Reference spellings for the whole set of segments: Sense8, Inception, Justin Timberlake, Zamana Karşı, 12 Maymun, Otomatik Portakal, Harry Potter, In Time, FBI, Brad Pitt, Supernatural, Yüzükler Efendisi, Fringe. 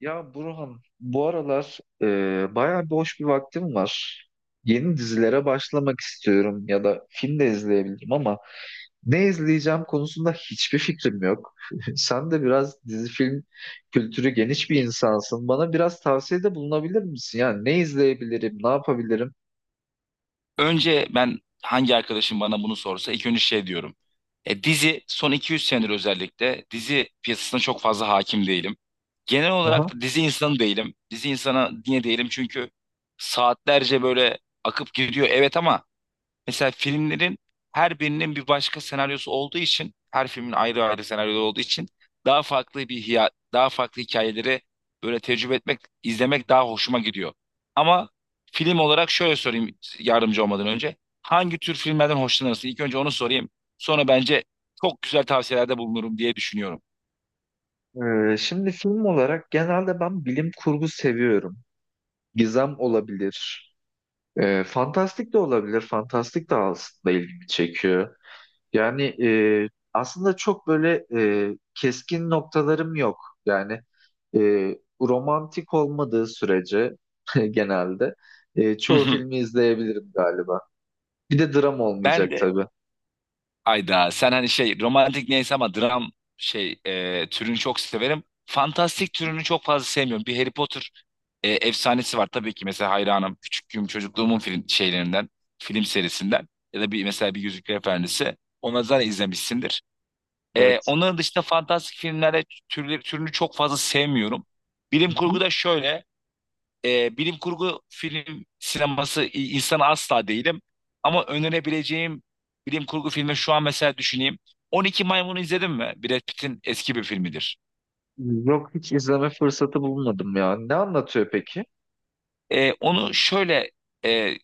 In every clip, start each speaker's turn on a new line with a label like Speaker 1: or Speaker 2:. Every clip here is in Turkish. Speaker 1: Ya Burhan, bu aralar bayağı boş bir vaktim var. Yeni dizilere başlamak istiyorum ya da film de izleyebilirim ama ne izleyeceğim konusunda hiçbir fikrim yok. Sen de biraz dizi film kültürü geniş bir insansın. Bana biraz tavsiyede bulunabilir misin? Yani ne izleyebilirim, ne yapabilirim?
Speaker 2: Önce ben hangi arkadaşım bana bunu sorsa ilk önce şey diyorum. Dizi son 200 senedir özellikle dizi piyasasına çok fazla hakim değilim. Genel
Speaker 1: Aha.
Speaker 2: olarak da dizi insanı değilim. Dizi insana niye değilim? Çünkü saatlerce böyle akıp gidiyor, evet, ama mesela filmlerin her birinin bir başka senaryosu olduğu için, her filmin ayrı ayrı senaryoları olduğu için daha farklı hikayeleri böyle tecrübe etmek, izlemek daha hoşuma gidiyor. Ama film olarak şöyle sorayım, yardımcı olmadan önce. Hangi tür filmlerden hoşlanırsın? İlk önce onu sorayım. Sonra bence çok güzel tavsiyelerde bulunurum diye düşünüyorum.
Speaker 1: Şimdi film olarak genelde ben bilim kurgu seviyorum. Gizem olabilir. Fantastik de olabilir. Fantastik de aslında ilgimi çekiyor. Yani aslında çok böyle keskin noktalarım yok. Yani e, romantik olmadığı sürece genelde
Speaker 2: Hı
Speaker 1: çoğu
Speaker 2: hı.
Speaker 1: filmi izleyebilirim galiba. Bir de dram
Speaker 2: Ben
Speaker 1: olmayacak
Speaker 2: de
Speaker 1: tabii.
Speaker 2: Ayda, sen hani şey romantik neyse ama dram türünü çok severim. Fantastik türünü çok fazla sevmiyorum. Bir Harry Potter efsanesi var, tabii ki, mesela hayranım. Küçüklüğüm, çocukluğumun film serisinden ya da bir mesela bir Yüzükler Efendisi. Onları zaten izlemişsindir.
Speaker 1: Evet.
Speaker 2: Onların dışında fantastik filmlere türünü çok fazla sevmiyorum. Bilim
Speaker 1: Hı hı.
Speaker 2: kurgu da şöyle, bilim kurgu film sineması insanı asla değilim. Ama önerebileceğim bilim kurgu filmi şu an mesela düşüneyim. 12 Maymun'u izledin mi? Brad Pitt'in eski bir filmidir.
Speaker 1: Yok, hiç izleme fırsatı bulmadım ya. Ne anlatıyor peki?
Speaker 2: Onu şöyle e,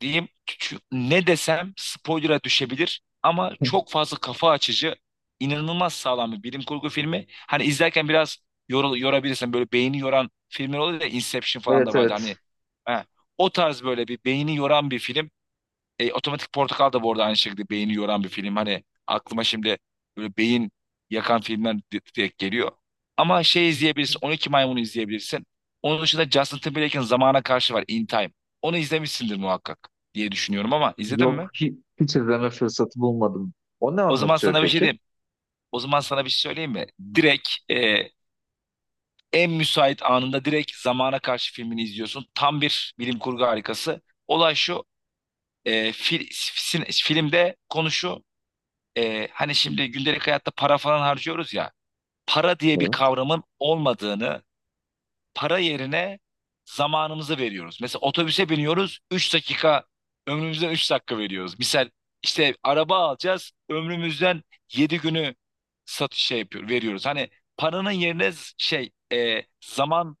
Speaker 2: diyeyim. Ne desem spoiler'a düşebilir. Ama çok fazla kafa açıcı, inanılmaz sağlam bir bilim kurgu filmi. Hani izlerken biraz yorabilirsin. Böyle beyni yoran filmler oluyor ya. Inception falan
Speaker 1: Evet,
Speaker 2: da vardı.
Speaker 1: evet.
Speaker 2: Hani heh, o tarz böyle bir beyni yoran bir film. Otomatik Portakal da bu arada aynı şekilde beyni yoran bir film. Hani aklıma şimdi böyle beyin yakan filmler direkt geliyor. Ama şey izleyebilirsin. 12 Maymun'u izleyebilirsin. Onun dışında Justin Timberlake'in Zamana Karşı var. In Time. Onu izlemişsindir muhakkak diye düşünüyorum ama izledin mi?
Speaker 1: Yok, hiç izleme fırsatı bulmadım. O ne
Speaker 2: O zaman
Speaker 1: anlatıyor
Speaker 2: sana bir şey
Speaker 1: peki?
Speaker 2: diyeyim. O zaman sana bir şey söyleyeyim mi? Direkt en müsait anında direkt Zamana Karşı filmini izliyorsun. Tam bir bilim kurgu harikası. Olay şu. Filmde konu şu. Hani şimdi gündelik hayatta para falan harcıyoruz ya, para diye bir
Speaker 1: Evet.
Speaker 2: kavramın olmadığını, para yerine zamanımızı veriyoruz. Mesela otobüse biniyoruz, 3 dakika, ömrümüzden 3 dakika veriyoruz. Misal işte araba alacağız, ömrümüzden 7 günü satış şey yapıyor, veriyoruz. Hani paranın yerine zaman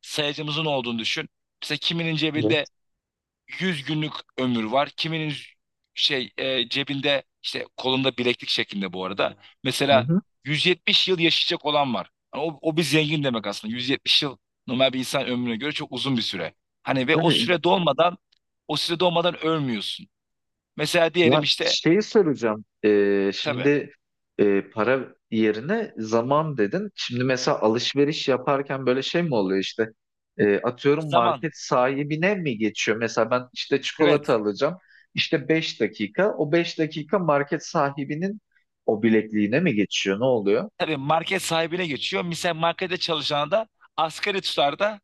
Speaker 2: sayacımızın olduğunu düşün. Mesela kiminin cebinde
Speaker 1: Evet.
Speaker 2: 100 günlük ömür var. Kiminin cebinde, işte kolunda bileklik şeklinde bu arada. Mesela
Speaker 1: Hı
Speaker 2: 170 yıl yaşayacak olan var. Hani o, o bir zengin demek aslında. 170 yıl normal bir insan ömrüne göre çok uzun bir süre. Hani ve o
Speaker 1: hı.
Speaker 2: süre dolmadan o süre dolmadan ölmüyorsun. Mesela
Speaker 1: Ya
Speaker 2: diyelim işte.
Speaker 1: şeyi soracağım.
Speaker 2: Tabii.
Speaker 1: Şimdi para yerine zaman dedin. Şimdi mesela alışveriş yaparken böyle şey mi oluyor işte? Atıyorum,
Speaker 2: Zaman,
Speaker 1: market sahibine mi geçiyor? Mesela ben işte
Speaker 2: evet.
Speaker 1: çikolata alacağım. İşte 5 dakika. O 5 dakika market sahibinin o bilekliğine mi geçiyor? Ne oluyor?
Speaker 2: Tabii, market sahibine geçiyor. Mesela markette çalışana da asgari tutarda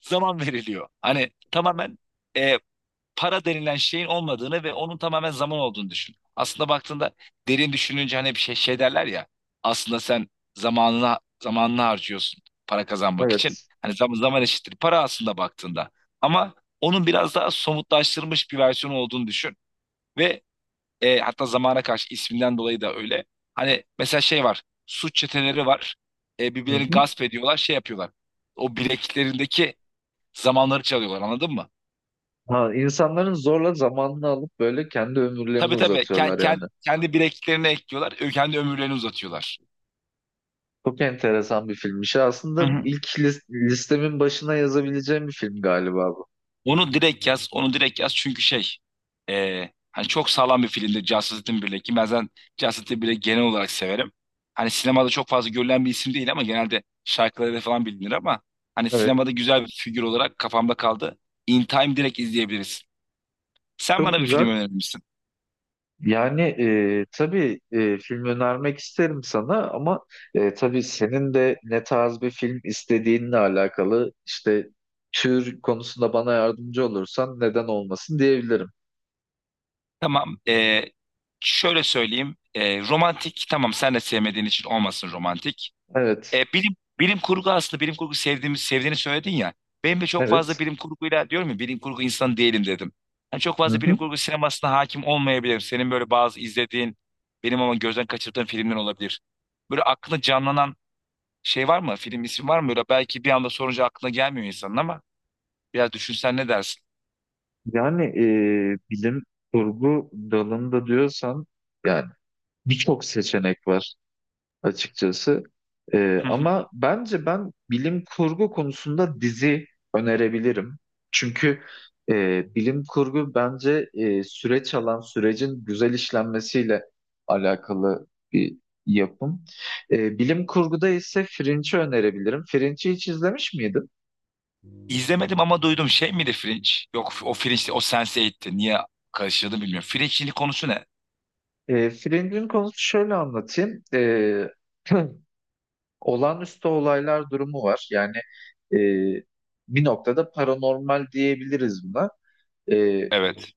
Speaker 2: zaman veriliyor. Hani tamamen e, para denilen şeyin olmadığını ve onun tamamen zaman olduğunu düşün. Aslında baktığında, derin düşününce, hani bir şey derler ya, aslında sen zamanını harcıyorsun para kazanmak için.
Speaker 1: Evet.
Speaker 2: Hani zaman eşittir para aslında baktığında. Ama onun biraz daha somutlaştırılmış bir versiyonu olduğunu düşün. Ve hatta zamana karşı isminden dolayı da öyle. Hani mesela şey var, suç çeteleri var.
Speaker 1: Hı
Speaker 2: Birbirlerini
Speaker 1: hı.
Speaker 2: gasp ediyorlar, şey yapıyorlar. O bileklerindeki zamanları çalıyorlar, anladın mı?
Speaker 1: Ha, insanların zorla zamanını alıp böyle kendi ömürlerini
Speaker 2: Tabii tabii.
Speaker 1: uzatıyorlar yani.
Speaker 2: Kendi bileklerine ekliyorlar. Kendi ömürlerini uzatıyorlar.
Speaker 1: Çok enteresan bir filmmiş.
Speaker 2: Hı
Speaker 1: Aslında
Speaker 2: hı.
Speaker 1: ilk listemin başına yazabileceğim bir film galiba bu.
Speaker 2: Onu direkt yaz. Onu direkt yaz. Çünkü hani çok sağlam bir filmdir Justice Timberlake, ki ben zaten Justice Timberlake'i genel olarak severim. Hani sinemada çok fazla görülen bir isim değil ama genelde şarkılarıyla falan bilinir ama hani
Speaker 1: Evet,
Speaker 2: sinemada güzel bir figür olarak kafamda kaldı. In Time direkt izleyebiliriz. Sen
Speaker 1: çok
Speaker 2: bana bir
Speaker 1: güzel.
Speaker 2: film önermişsin.
Speaker 1: Yani tabii film önermek isterim sana ama tabii senin de ne tarz bir film istediğinle alakalı işte tür konusunda bana yardımcı olursan neden olmasın diyebilirim.
Speaker 2: Tamam. Şöyle söyleyeyim. Romantik tamam, sen de sevmediğin için olmasın romantik.
Speaker 1: Evet,
Speaker 2: Bilim kurgu, aslında bilim kurgu sevdiğini söyledin ya. Benim de çok fazla
Speaker 1: evet.
Speaker 2: bilim kurguyla, diyorum ya, bilim kurgu insanı değilim dedim. Hani çok
Speaker 1: Hı
Speaker 2: fazla bilim
Speaker 1: hı.
Speaker 2: kurgu sinemasına hakim olmayabilirim. Senin böyle bazı izlediğin, benim ama gözden kaçırdığım filmler olabilir. Böyle aklına canlanan şey var mı? Film ismi var mı? Böyle belki bir anda sorunca aklına gelmiyor insanın ama biraz düşünsen ne dersin?
Speaker 1: Yani bilim kurgu dalında diyorsan yani birçok seçenek var, açıkçası.
Speaker 2: Hı hı.
Speaker 1: Ama bence ben bilim kurgu konusunda dizi önerebilirim. Çünkü bilim kurgu bence süreç alan sürecin güzel işlenmesiyle alakalı bir yapım. Bilim kurguda ise Fringe'i önerebilirim. Fringe'i hiç izlemiş miydin?
Speaker 2: İzlemedim ama duydum, şey miydi Fringe? Yok, o Fringe, o Sense8'ti. Niye karıştırdım bilmiyorum. Fringe'in konusu ne?
Speaker 1: Fringe'in konusu şöyle anlatayım. Olağanüstü olaylar durumu var. Yani e, bir noktada paranormal diyebiliriz buna. Ee,
Speaker 2: Evet.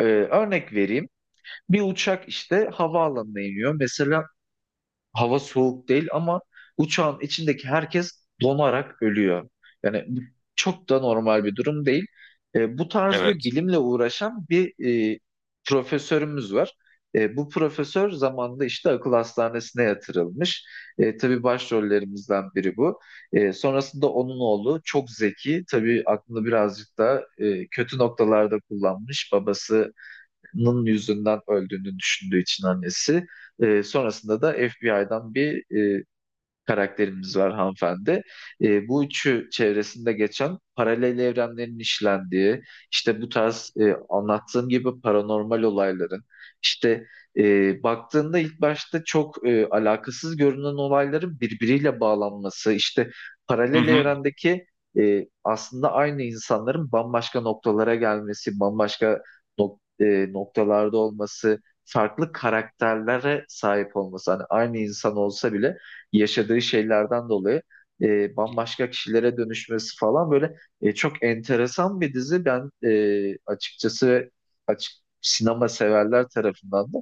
Speaker 1: Örnek vereyim. Bir uçak işte havaalanına iniyor. Mesela hava soğuk değil ama uçağın içindeki herkes donarak ölüyor. Yani bu çok da normal bir durum değil. Bu tarz bir
Speaker 2: Evet.
Speaker 1: bilimle uğraşan bir e, profesörümüz var. Bu profesör zamanında işte akıl hastanesine yatırılmış. Tabii başrollerimizden biri bu. Sonrasında onun oğlu çok zeki. Tabii aklını birazcık da kötü noktalarda kullanmış. Babası Nın yüzünden öldüğünü düşündüğü için annesi. Sonrasında da FBI'dan bir karakterimiz var hanımefendi. Bu üçü çevresinde geçen paralel evrenlerin işlendiği, işte bu tarz anlattığım gibi paranormal olayların, işte baktığında ilk başta çok alakasız görünen olayların birbiriyle bağlanması, işte
Speaker 2: Hı
Speaker 1: paralel
Speaker 2: hı.
Speaker 1: evrendeki aslında aynı insanların bambaşka noktalara gelmesi, bambaşka noktalarda olması, farklı karakterlere sahip olması, hani aynı insan olsa bile yaşadığı şeylerden dolayı bambaşka kişilere dönüşmesi falan, böyle çok enteresan bir dizi. Ben açıkçası açık sinema severler tarafından da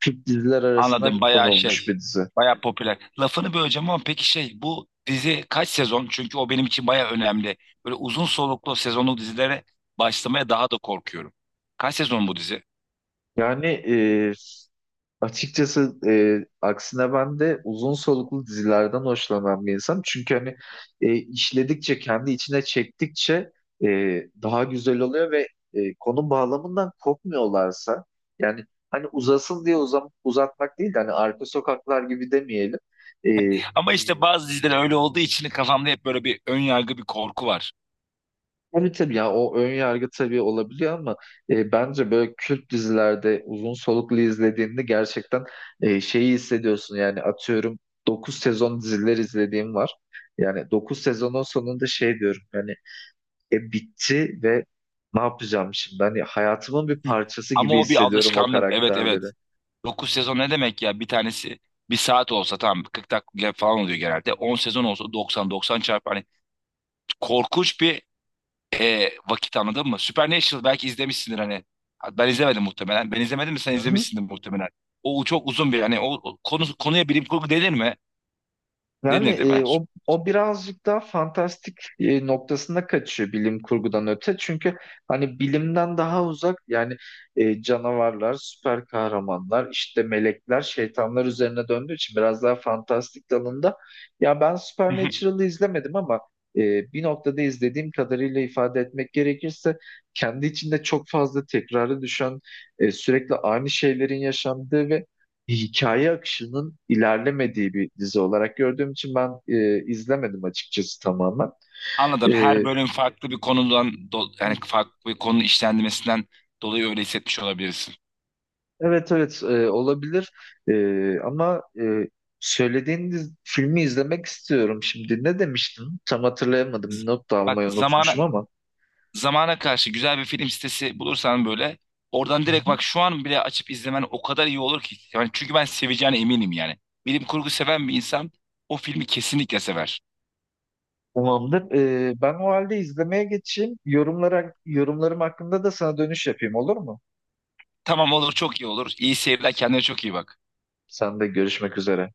Speaker 1: Türk diziler arasına
Speaker 2: Anladım. Bayağı
Speaker 1: konulmuş bir
Speaker 2: şey.
Speaker 1: dizi.
Speaker 2: Bayağı popüler. Lafını böleceğim ama, peki şey, bu dizi kaç sezon? Çünkü o benim için bayağı önemli. Böyle uzun soluklu sezonlu dizilere başlamaya daha da korkuyorum. Kaç sezon bu dizi?
Speaker 1: Yani Açıkçası e, aksine ben de uzun soluklu dizilerden hoşlanan bir insanım. Çünkü hani işledikçe, kendi içine çektikçe e, daha güzel oluyor ve konu bağlamından kopmuyorlarsa yani hani uzasın diye uzatmak değil de hani arka sokaklar gibi demeyelim. E,
Speaker 2: Ama işte, bazı diziler öyle olduğu için kafamda hep böyle bir ön yargı, bir korku var.
Speaker 1: Tabii tabii ya, o ön yargı tabii olabiliyor ama bence böyle Kürt dizilerde uzun soluklu izlediğinde gerçekten şeyi hissediyorsun yani, atıyorum, 9 sezon diziler izlediğim var. Yani 9 sezonun sonunda şey diyorum yani bitti ve ne yapacağım şimdi? Hani hayatımın bir
Speaker 2: Hı.
Speaker 1: parçası
Speaker 2: Ama
Speaker 1: gibi
Speaker 2: o bir
Speaker 1: hissediyorum o
Speaker 2: alışkanlık. Evet,
Speaker 1: karakterleri.
Speaker 2: evet. 9 sezon ne demek ya? Bir tanesi bir saat olsa tamam 40 dakika falan oluyor genelde. 10 sezon olsa doksan çarpı. Hani korkunç bir vakit, anladın mı? Supernatural belki izlemişsindir hani. Ben izlemedim muhtemelen. Ben izlemedim de sen
Speaker 1: Hı hı.
Speaker 2: izlemişsindir muhtemelen. O çok uzun bir, hani o konuya bilim kurgu denir mi?
Speaker 1: Yani
Speaker 2: Denir değil mi?
Speaker 1: o birazcık daha fantastik noktasında kaçıyor bilim kurgudan öte. Çünkü hani bilimden daha uzak yani canavarlar, süper kahramanlar, işte melekler, şeytanlar üzerine döndüğü için biraz daha fantastik dalında. Ya ben
Speaker 2: Hı hı.
Speaker 1: Supernatural'ı izlemedim ama bir noktada izlediğim kadarıyla ifade etmek gerekirse kendi içinde çok fazla tekrarı düşen, sürekli aynı şeylerin yaşandığı ve hikaye akışının ilerlemediği bir dizi olarak gördüğüm için ben izlemedim açıkçası tamamen.
Speaker 2: Anladım.
Speaker 1: E,
Speaker 2: Her bölüm farklı bir konudan do- yani farklı bir konu işlendirmesinden dolayı öyle hissetmiş olabilirsin.
Speaker 1: evet, evet, olabilir. Ama söylediğiniz filmi izlemek istiyorum şimdi. Ne demiştin? Tam
Speaker 2: Z-
Speaker 1: hatırlayamadım. Not da
Speaker 2: Bak
Speaker 1: almayı
Speaker 2: zamana
Speaker 1: unutmuşum ama.
Speaker 2: zamana karşı, güzel bir film sitesi bulursan, böyle oradan
Speaker 1: Hı
Speaker 2: direkt,
Speaker 1: hı.
Speaker 2: bak, şu an bile açıp izlemen o kadar iyi olur ki. Yani çünkü ben seveceğine eminim yani. Bilim kurgu seven bir insan o filmi kesinlikle sever.
Speaker 1: Tamamdır. Ben o halde izlemeye geçeyim. Yorumlara, yorumlarım hakkında da sana dönüş yapayım, olur mu?
Speaker 2: Tamam, olur, çok iyi olur. İyi seyirler, kendine çok iyi bak.
Speaker 1: Sen de görüşmek üzere.